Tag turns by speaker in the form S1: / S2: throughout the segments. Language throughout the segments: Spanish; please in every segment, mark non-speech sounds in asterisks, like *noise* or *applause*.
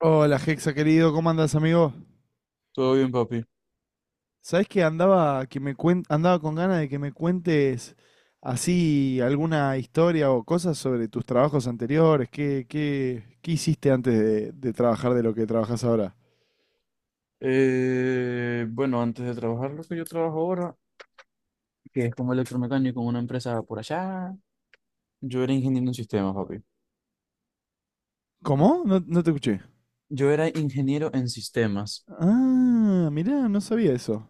S1: Hola, Hexa querido, ¿cómo andas, amigo?
S2: Todo bien, papi.
S1: ¿Sabés que andaba andaba con ganas de que me cuentes así alguna historia o cosas sobre tus trabajos anteriores? ¿Qué hiciste antes de trabajar de lo que trabajas ahora?
S2: Bueno, antes de trabajar lo que yo trabajo ahora, que es como electromecánico en una empresa por allá, yo era ingeniero en sistemas, papi.
S1: ¿Cómo? No, no te escuché.
S2: Yo era ingeniero en sistemas.
S1: Ah, mirá, no sabía eso.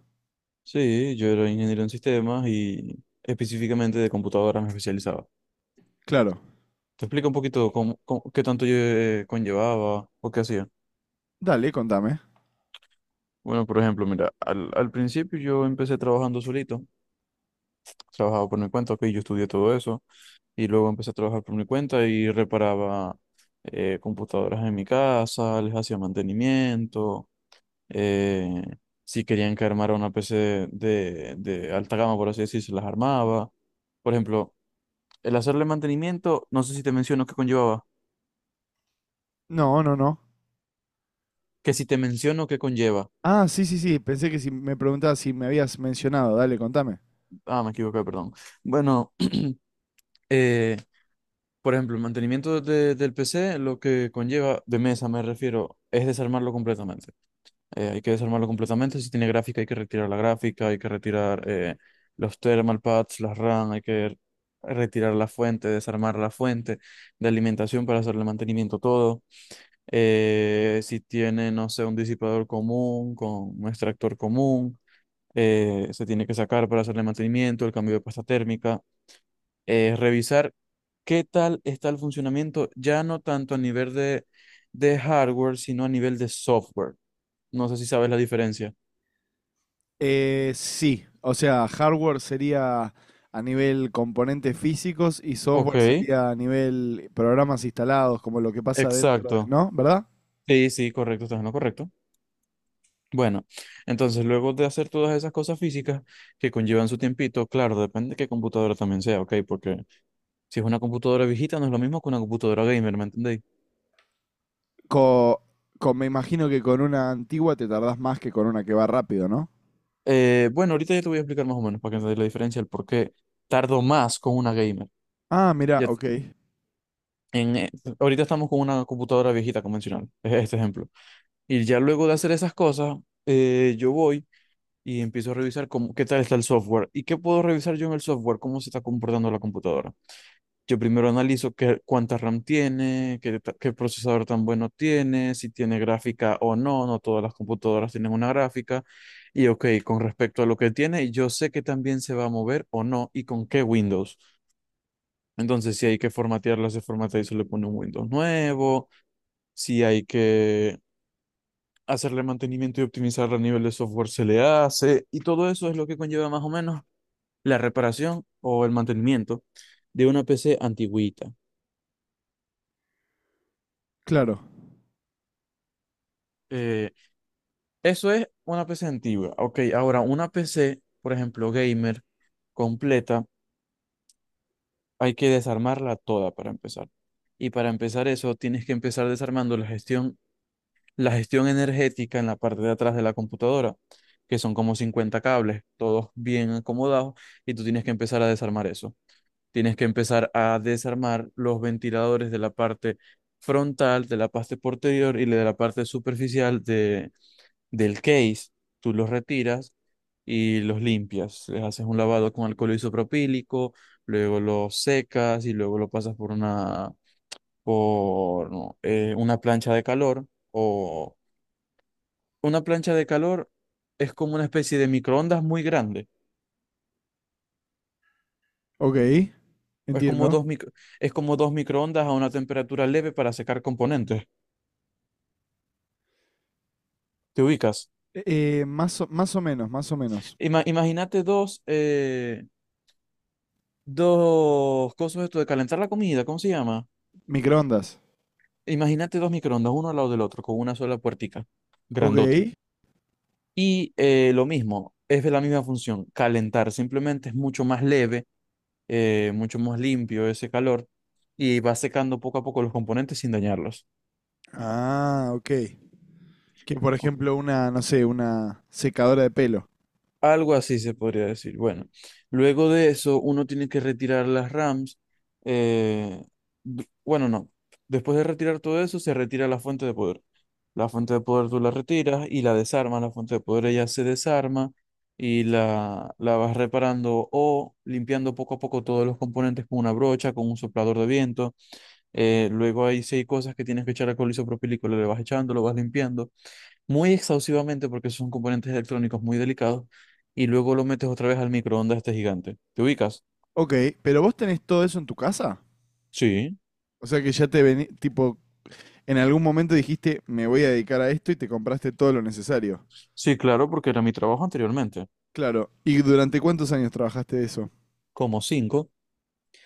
S2: Sí, yo era ingeniero en sistemas y específicamente de computadoras me especializaba.
S1: Claro.
S2: Te explico un poquito cómo, qué tanto yo conllevaba o qué hacía.
S1: Dale, contame.
S2: Bueno, por ejemplo, mira, al principio yo empecé trabajando solito, trabajaba por mi cuenta, ok, yo estudié todo eso y luego empecé a trabajar por mi cuenta y reparaba computadoras en mi casa, les hacía mantenimiento. eh, si querían que armara una PC de alta gama, por así decir, se las armaba. Por ejemplo, el hacerle mantenimiento, no sé si te menciono qué conllevaba,
S1: No, no, no.
S2: que si te menciono qué conlleva.
S1: Ah, sí, sí, sí. Pensé que si me preguntabas si me habías mencionado. Dale, contame.
S2: Ah, me equivoqué, perdón. Bueno, *clears throat* eh, por ejemplo, el mantenimiento del PC, lo que conlleva, de mesa me refiero, es desarmarlo completamente. Hay que desarmarlo completamente. Si tiene gráfica, hay que retirar la gráfica, hay que retirar los thermal pads, las RAM. Hay que retirar la fuente, desarmar la fuente de alimentación para hacerle mantenimiento todo. Si tiene, no sé, un disipador común con un extractor común, se tiene que sacar para hacerle mantenimiento, el cambio de pasta térmica. Revisar qué tal está el funcionamiento, ya no tanto a nivel de hardware, sino a nivel de software. No sé si sabes la diferencia.
S1: Sí, o sea, hardware sería a nivel componentes físicos y
S2: Ok,
S1: software sería a nivel programas instalados, como lo que pasa dentro de,
S2: exacto.
S1: ¿no? ¿Verdad?
S2: Sí, sí, correcto, estás en lo correcto. Bueno, entonces luego de hacer todas esas cosas físicas que conllevan su tiempito, claro, depende de qué computadora también sea, ok, porque si es una computadora viejita no es lo mismo que una computadora gamer, ¿me entendéis?
S1: Co- Me imagino que con una antigua te tardás más que con una que va rápido, ¿no?
S2: Bueno, ahorita ya te voy a explicar más o menos para que entendáis la diferencia, el por qué tardo más con una gamer.
S1: Ah, mirá,
S2: Ya,
S1: ok,
S2: en, eh, ahorita estamos con una computadora viejita convencional, *laughs* es este ejemplo. Y ya luego de hacer esas cosas, yo voy y empiezo a revisar cómo, qué tal está el software y qué puedo revisar yo en el software, cómo se está comportando la computadora. Yo primero analizo qué, cuánta RAM tiene, qué, qué procesador tan bueno tiene, si tiene gráfica o no, no todas las computadoras tienen una gráfica. Y ok, con respecto a lo que tiene, yo sé que también se va a mover o no y con qué Windows. Entonces, si hay que formatearla, se formatea y se le pone un Windows nuevo. Si hay que hacerle mantenimiento y optimizar a nivel de software, se le hace. Y todo eso es lo que conlleva más o menos la reparación o el mantenimiento de una PC antigüita.
S1: claro,
S2: Eh, Eso es una PC antigua. Ok, ahora una PC, por ejemplo, gamer, completa, hay que desarmarla toda para empezar. Y para empezar eso, tienes que empezar desarmando la gestión energética en la parte de atrás de la computadora, que son como 50 cables, todos bien acomodados, y tú tienes que empezar a desarmar eso. Tienes que empezar a desarmar los ventiladores de la parte frontal, de la parte posterior y de la parte superficial del case. Tú los retiras y los limpias. Les haces un lavado con alcohol isopropílico, luego los secas y luego lo pasas por una, por, no, una plancha de calor. O una plancha de calor es como una especie de microondas muy grande.
S1: ok,
S2: Es como
S1: entiendo.
S2: dos micro, es como dos microondas a una temperatura leve para secar componentes. ¿Te ubicas?
S1: Más o menos, más o menos.
S2: Imagínate dos, dos cosas esto de calentar la comida, ¿cómo se llama?
S1: Microondas,
S2: Imagínate dos microondas, uno al lado del otro, con una sola puertica,
S1: ok.
S2: grandote. Y lo mismo, es de la misma función, calentar, simplemente es mucho más leve, mucho más limpio ese calor, y va secando poco a poco los componentes sin dañarlos.
S1: Ah, ok. Que por
S2: Ok.
S1: ejemplo una, no sé, una secadora de pelo.
S2: Algo así se podría decir. Bueno, luego de eso, uno tiene que retirar las RAMs. eh, bueno, no. Después de retirar todo eso, se retira la fuente de poder. La fuente de poder tú la retiras y la desarmas. La fuente de poder ella se desarma y la vas reparando o limpiando poco a poco todos los componentes con una brocha, con un soplador de viento. Luego hay seis cosas que tienes que echar alcohol isopropílico, le vas echando, lo vas limpiando muy exhaustivamente porque son componentes electrónicos muy delicados, y luego lo metes otra vez al microondas este gigante. ¿Te ubicas?
S1: Ok, pero vos tenés todo eso en tu casa.
S2: Sí,
S1: O sea que ya te vení, tipo, en algún momento dijiste, me voy a dedicar a esto y te compraste todo lo necesario.
S2: sí, claro, porque era mi trabajo anteriormente.
S1: Claro. ¿Y durante cuántos años trabajaste de eso?
S2: Como cinco,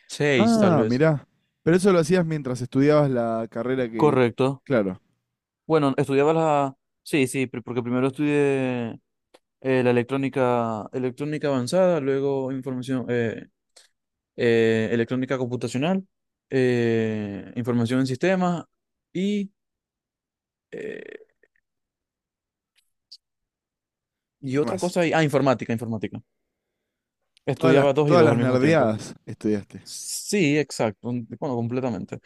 S2: seis tal
S1: Ah,
S2: vez.
S1: mirá. Pero eso lo hacías mientras estudiabas la carrera que...
S2: Correcto.
S1: Claro.
S2: Bueno, estudiaba la... Sí, sí, porque primero estudié la electrónica, electrónica avanzada, luego información, electrónica computacional, información en sistemas, y, eh,
S1: ¿Y
S2: y
S1: qué
S2: otra
S1: más?
S2: cosa, informática, informática.
S1: Todas las,
S2: Estudiaba dos y
S1: todas
S2: dos
S1: las
S2: al mismo tiempo.
S1: nerdeadas estudiaste.
S2: Sí, exacto, completamente.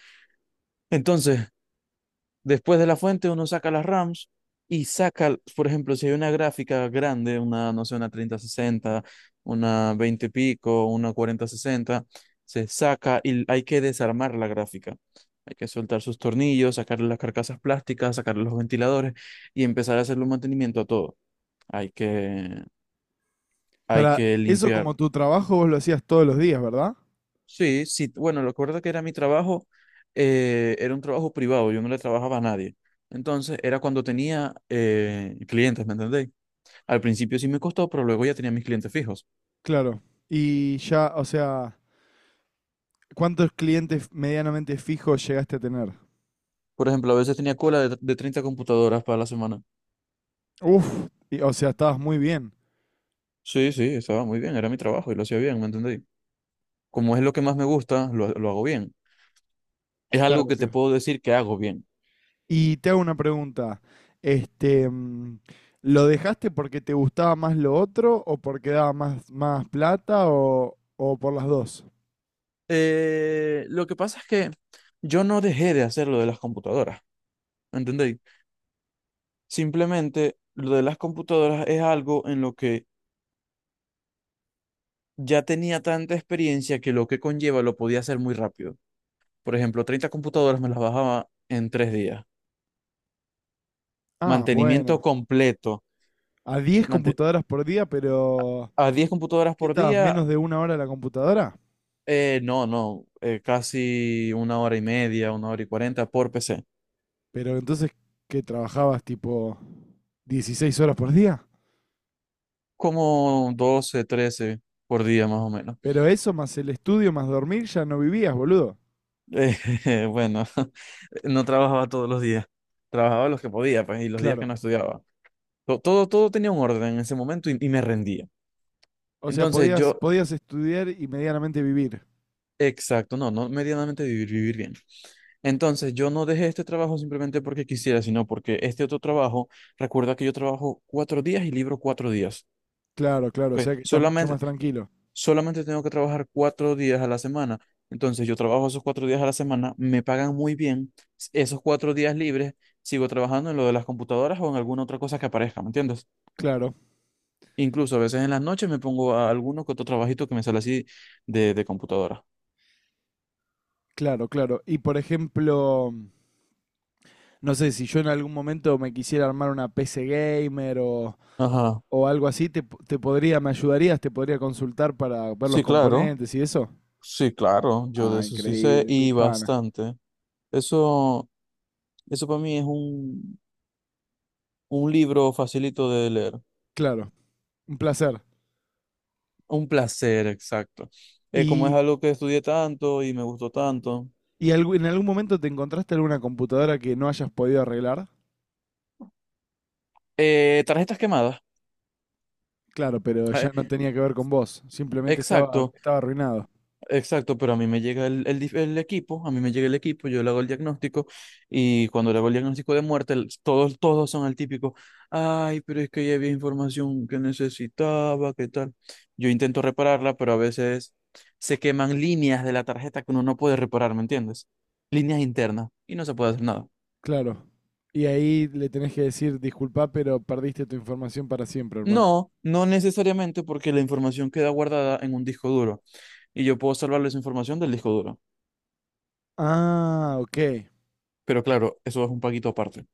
S2: Entonces, después de la fuente uno saca las RAMs y saca, por ejemplo, si hay una gráfica grande, una, no sé, una treinta sesenta, una 20 pico, una cuarenta sesenta, se saca y hay que desarmar la gráfica. Hay que soltar sus tornillos, sacarle las carcasas plásticas, sacarle los ventiladores y empezar a hacerle un mantenimiento a todo. Hay que, hay
S1: Para
S2: que
S1: eso
S2: limpiar.
S1: como tu trabajo vos lo hacías todos los días, ¿verdad?
S2: Sí, sí, bueno, lo recuerdo, que era mi trabajo, era un trabajo privado, yo no le trabajaba a nadie. Entonces, era cuando tenía clientes, ¿me entendéis? Al principio sí me costó, pero luego ya tenía mis clientes fijos.
S1: Claro. Y ya, o sea, ¿cuántos clientes medianamente fijos llegaste a tener?
S2: Por ejemplo, a veces tenía cola de 30 computadoras para la semana.
S1: Uf, o sea, estabas muy bien.
S2: Sí, sí, estaba muy bien, era mi trabajo y lo hacía bien, ¿me entendéis? Como es lo que más me gusta, lo hago bien. Es algo
S1: Claro,
S2: que te
S1: claro.
S2: puedo decir que hago bien.
S1: Y te hago una pregunta. Este, ¿lo dejaste porque te gustaba más lo otro o porque daba más, más plata o por las dos?
S2: Lo que pasa es que yo no dejé de hacer lo de las computadoras, ¿me entendéis? Simplemente lo de las computadoras es algo en lo que ya tenía tanta experiencia que lo que conlleva lo podía hacer muy rápido. Por ejemplo, 30 computadoras me las bajaba en 3 días.
S1: Ah,
S2: Mantenimiento
S1: bueno.
S2: completo.
S1: A 10
S2: mante-
S1: computadoras por día, pero
S2: a 10 computadoras
S1: ¿qué
S2: por
S1: estabas?
S2: día,
S1: ¿Menos de una hora en la computadora?
S2: no, no, casi una hora y media, una hora y cuarenta por PC.
S1: Pero entonces, ¿qué trabajabas tipo 16 horas por día?
S2: Como 12, 13 por día más o menos.
S1: Pero eso más el estudio más dormir ya no vivías, boludo.
S2: Eh, *laughs* bueno, *laughs* no trabajaba todos los días. Trabajaba los que podía, pues, y los días
S1: Claro.
S2: que no estudiaba. Todo, todo tenía un orden en ese momento, y me rendía.
S1: O sea,
S2: Entonces
S1: podías,
S2: yo,
S1: podías estudiar y medianamente vivir.
S2: exacto, no, no medianamente vivir, vivir bien. Entonces yo no dejé este trabajo simplemente porque quisiera, sino porque este otro trabajo, recuerda que yo trabajo 4 días y libro 4 días.
S1: Claro, claro. O
S2: ¿Ok?
S1: sea que estás mucho
S2: Solamente,
S1: más tranquilo.
S2: solamente tengo que trabajar 4 días a la semana. Entonces yo trabajo esos 4 días a la semana, me pagan muy bien. Esos 4 días libres, sigo trabajando en lo de las computadoras o en alguna otra cosa que aparezca, ¿me entiendes?
S1: Claro,
S2: Incluso a veces en las noches me pongo a alguno que otro trabajito que me sale así de computadora.
S1: claro, claro. Y por ejemplo, no sé, si yo en algún momento me quisiera armar una PC gamer o,
S2: Ajá.
S1: o algo así, te, te podría, me ayudarías, te podría consultar para ver los
S2: Sí, claro.
S1: componentes y eso.
S2: Sí, claro. Yo de
S1: Ah,
S2: eso sí sé
S1: increíble,
S2: y
S1: pipana.
S2: bastante. Eso, eso para mí es un libro facilito de leer.
S1: Claro, un placer.
S2: Un placer, exacto. Como es
S1: ¿Y,
S2: algo que estudié tanto y me gustó tanto.
S1: en algún momento te encontraste alguna computadora que no hayas podido arreglar?
S2: Tarjetas quemadas.
S1: Claro, pero
S2: Eh,
S1: ya no tenía que ver con vos, simplemente estaba,
S2: exacto.
S1: estaba arruinado.
S2: Exacto, pero a mí me llega el equipo, a mí me llega el equipo, yo le hago el diagnóstico, y cuando le hago el diagnóstico de muerte, todos, todos son el típico: ay, pero es que ya había información que necesitaba, ¿qué tal? Yo intento repararla, pero a veces se queman líneas de la tarjeta que uno no puede reparar, ¿me entiendes? Líneas internas y no se puede hacer nada.
S1: Claro. Y ahí le tenés que decir, disculpa, pero perdiste tu información para siempre, hermano.
S2: No, no necesariamente, porque la información queda guardada en un disco duro y yo puedo salvarle esa información del disco duro.
S1: Ah, ok.
S2: Pero claro, eso es un paquito aparte.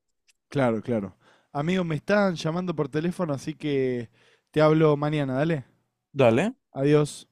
S1: Claro, claro. Amigo, me están llamando por teléfono, así que te hablo mañana, dale.
S2: Dale.
S1: Adiós.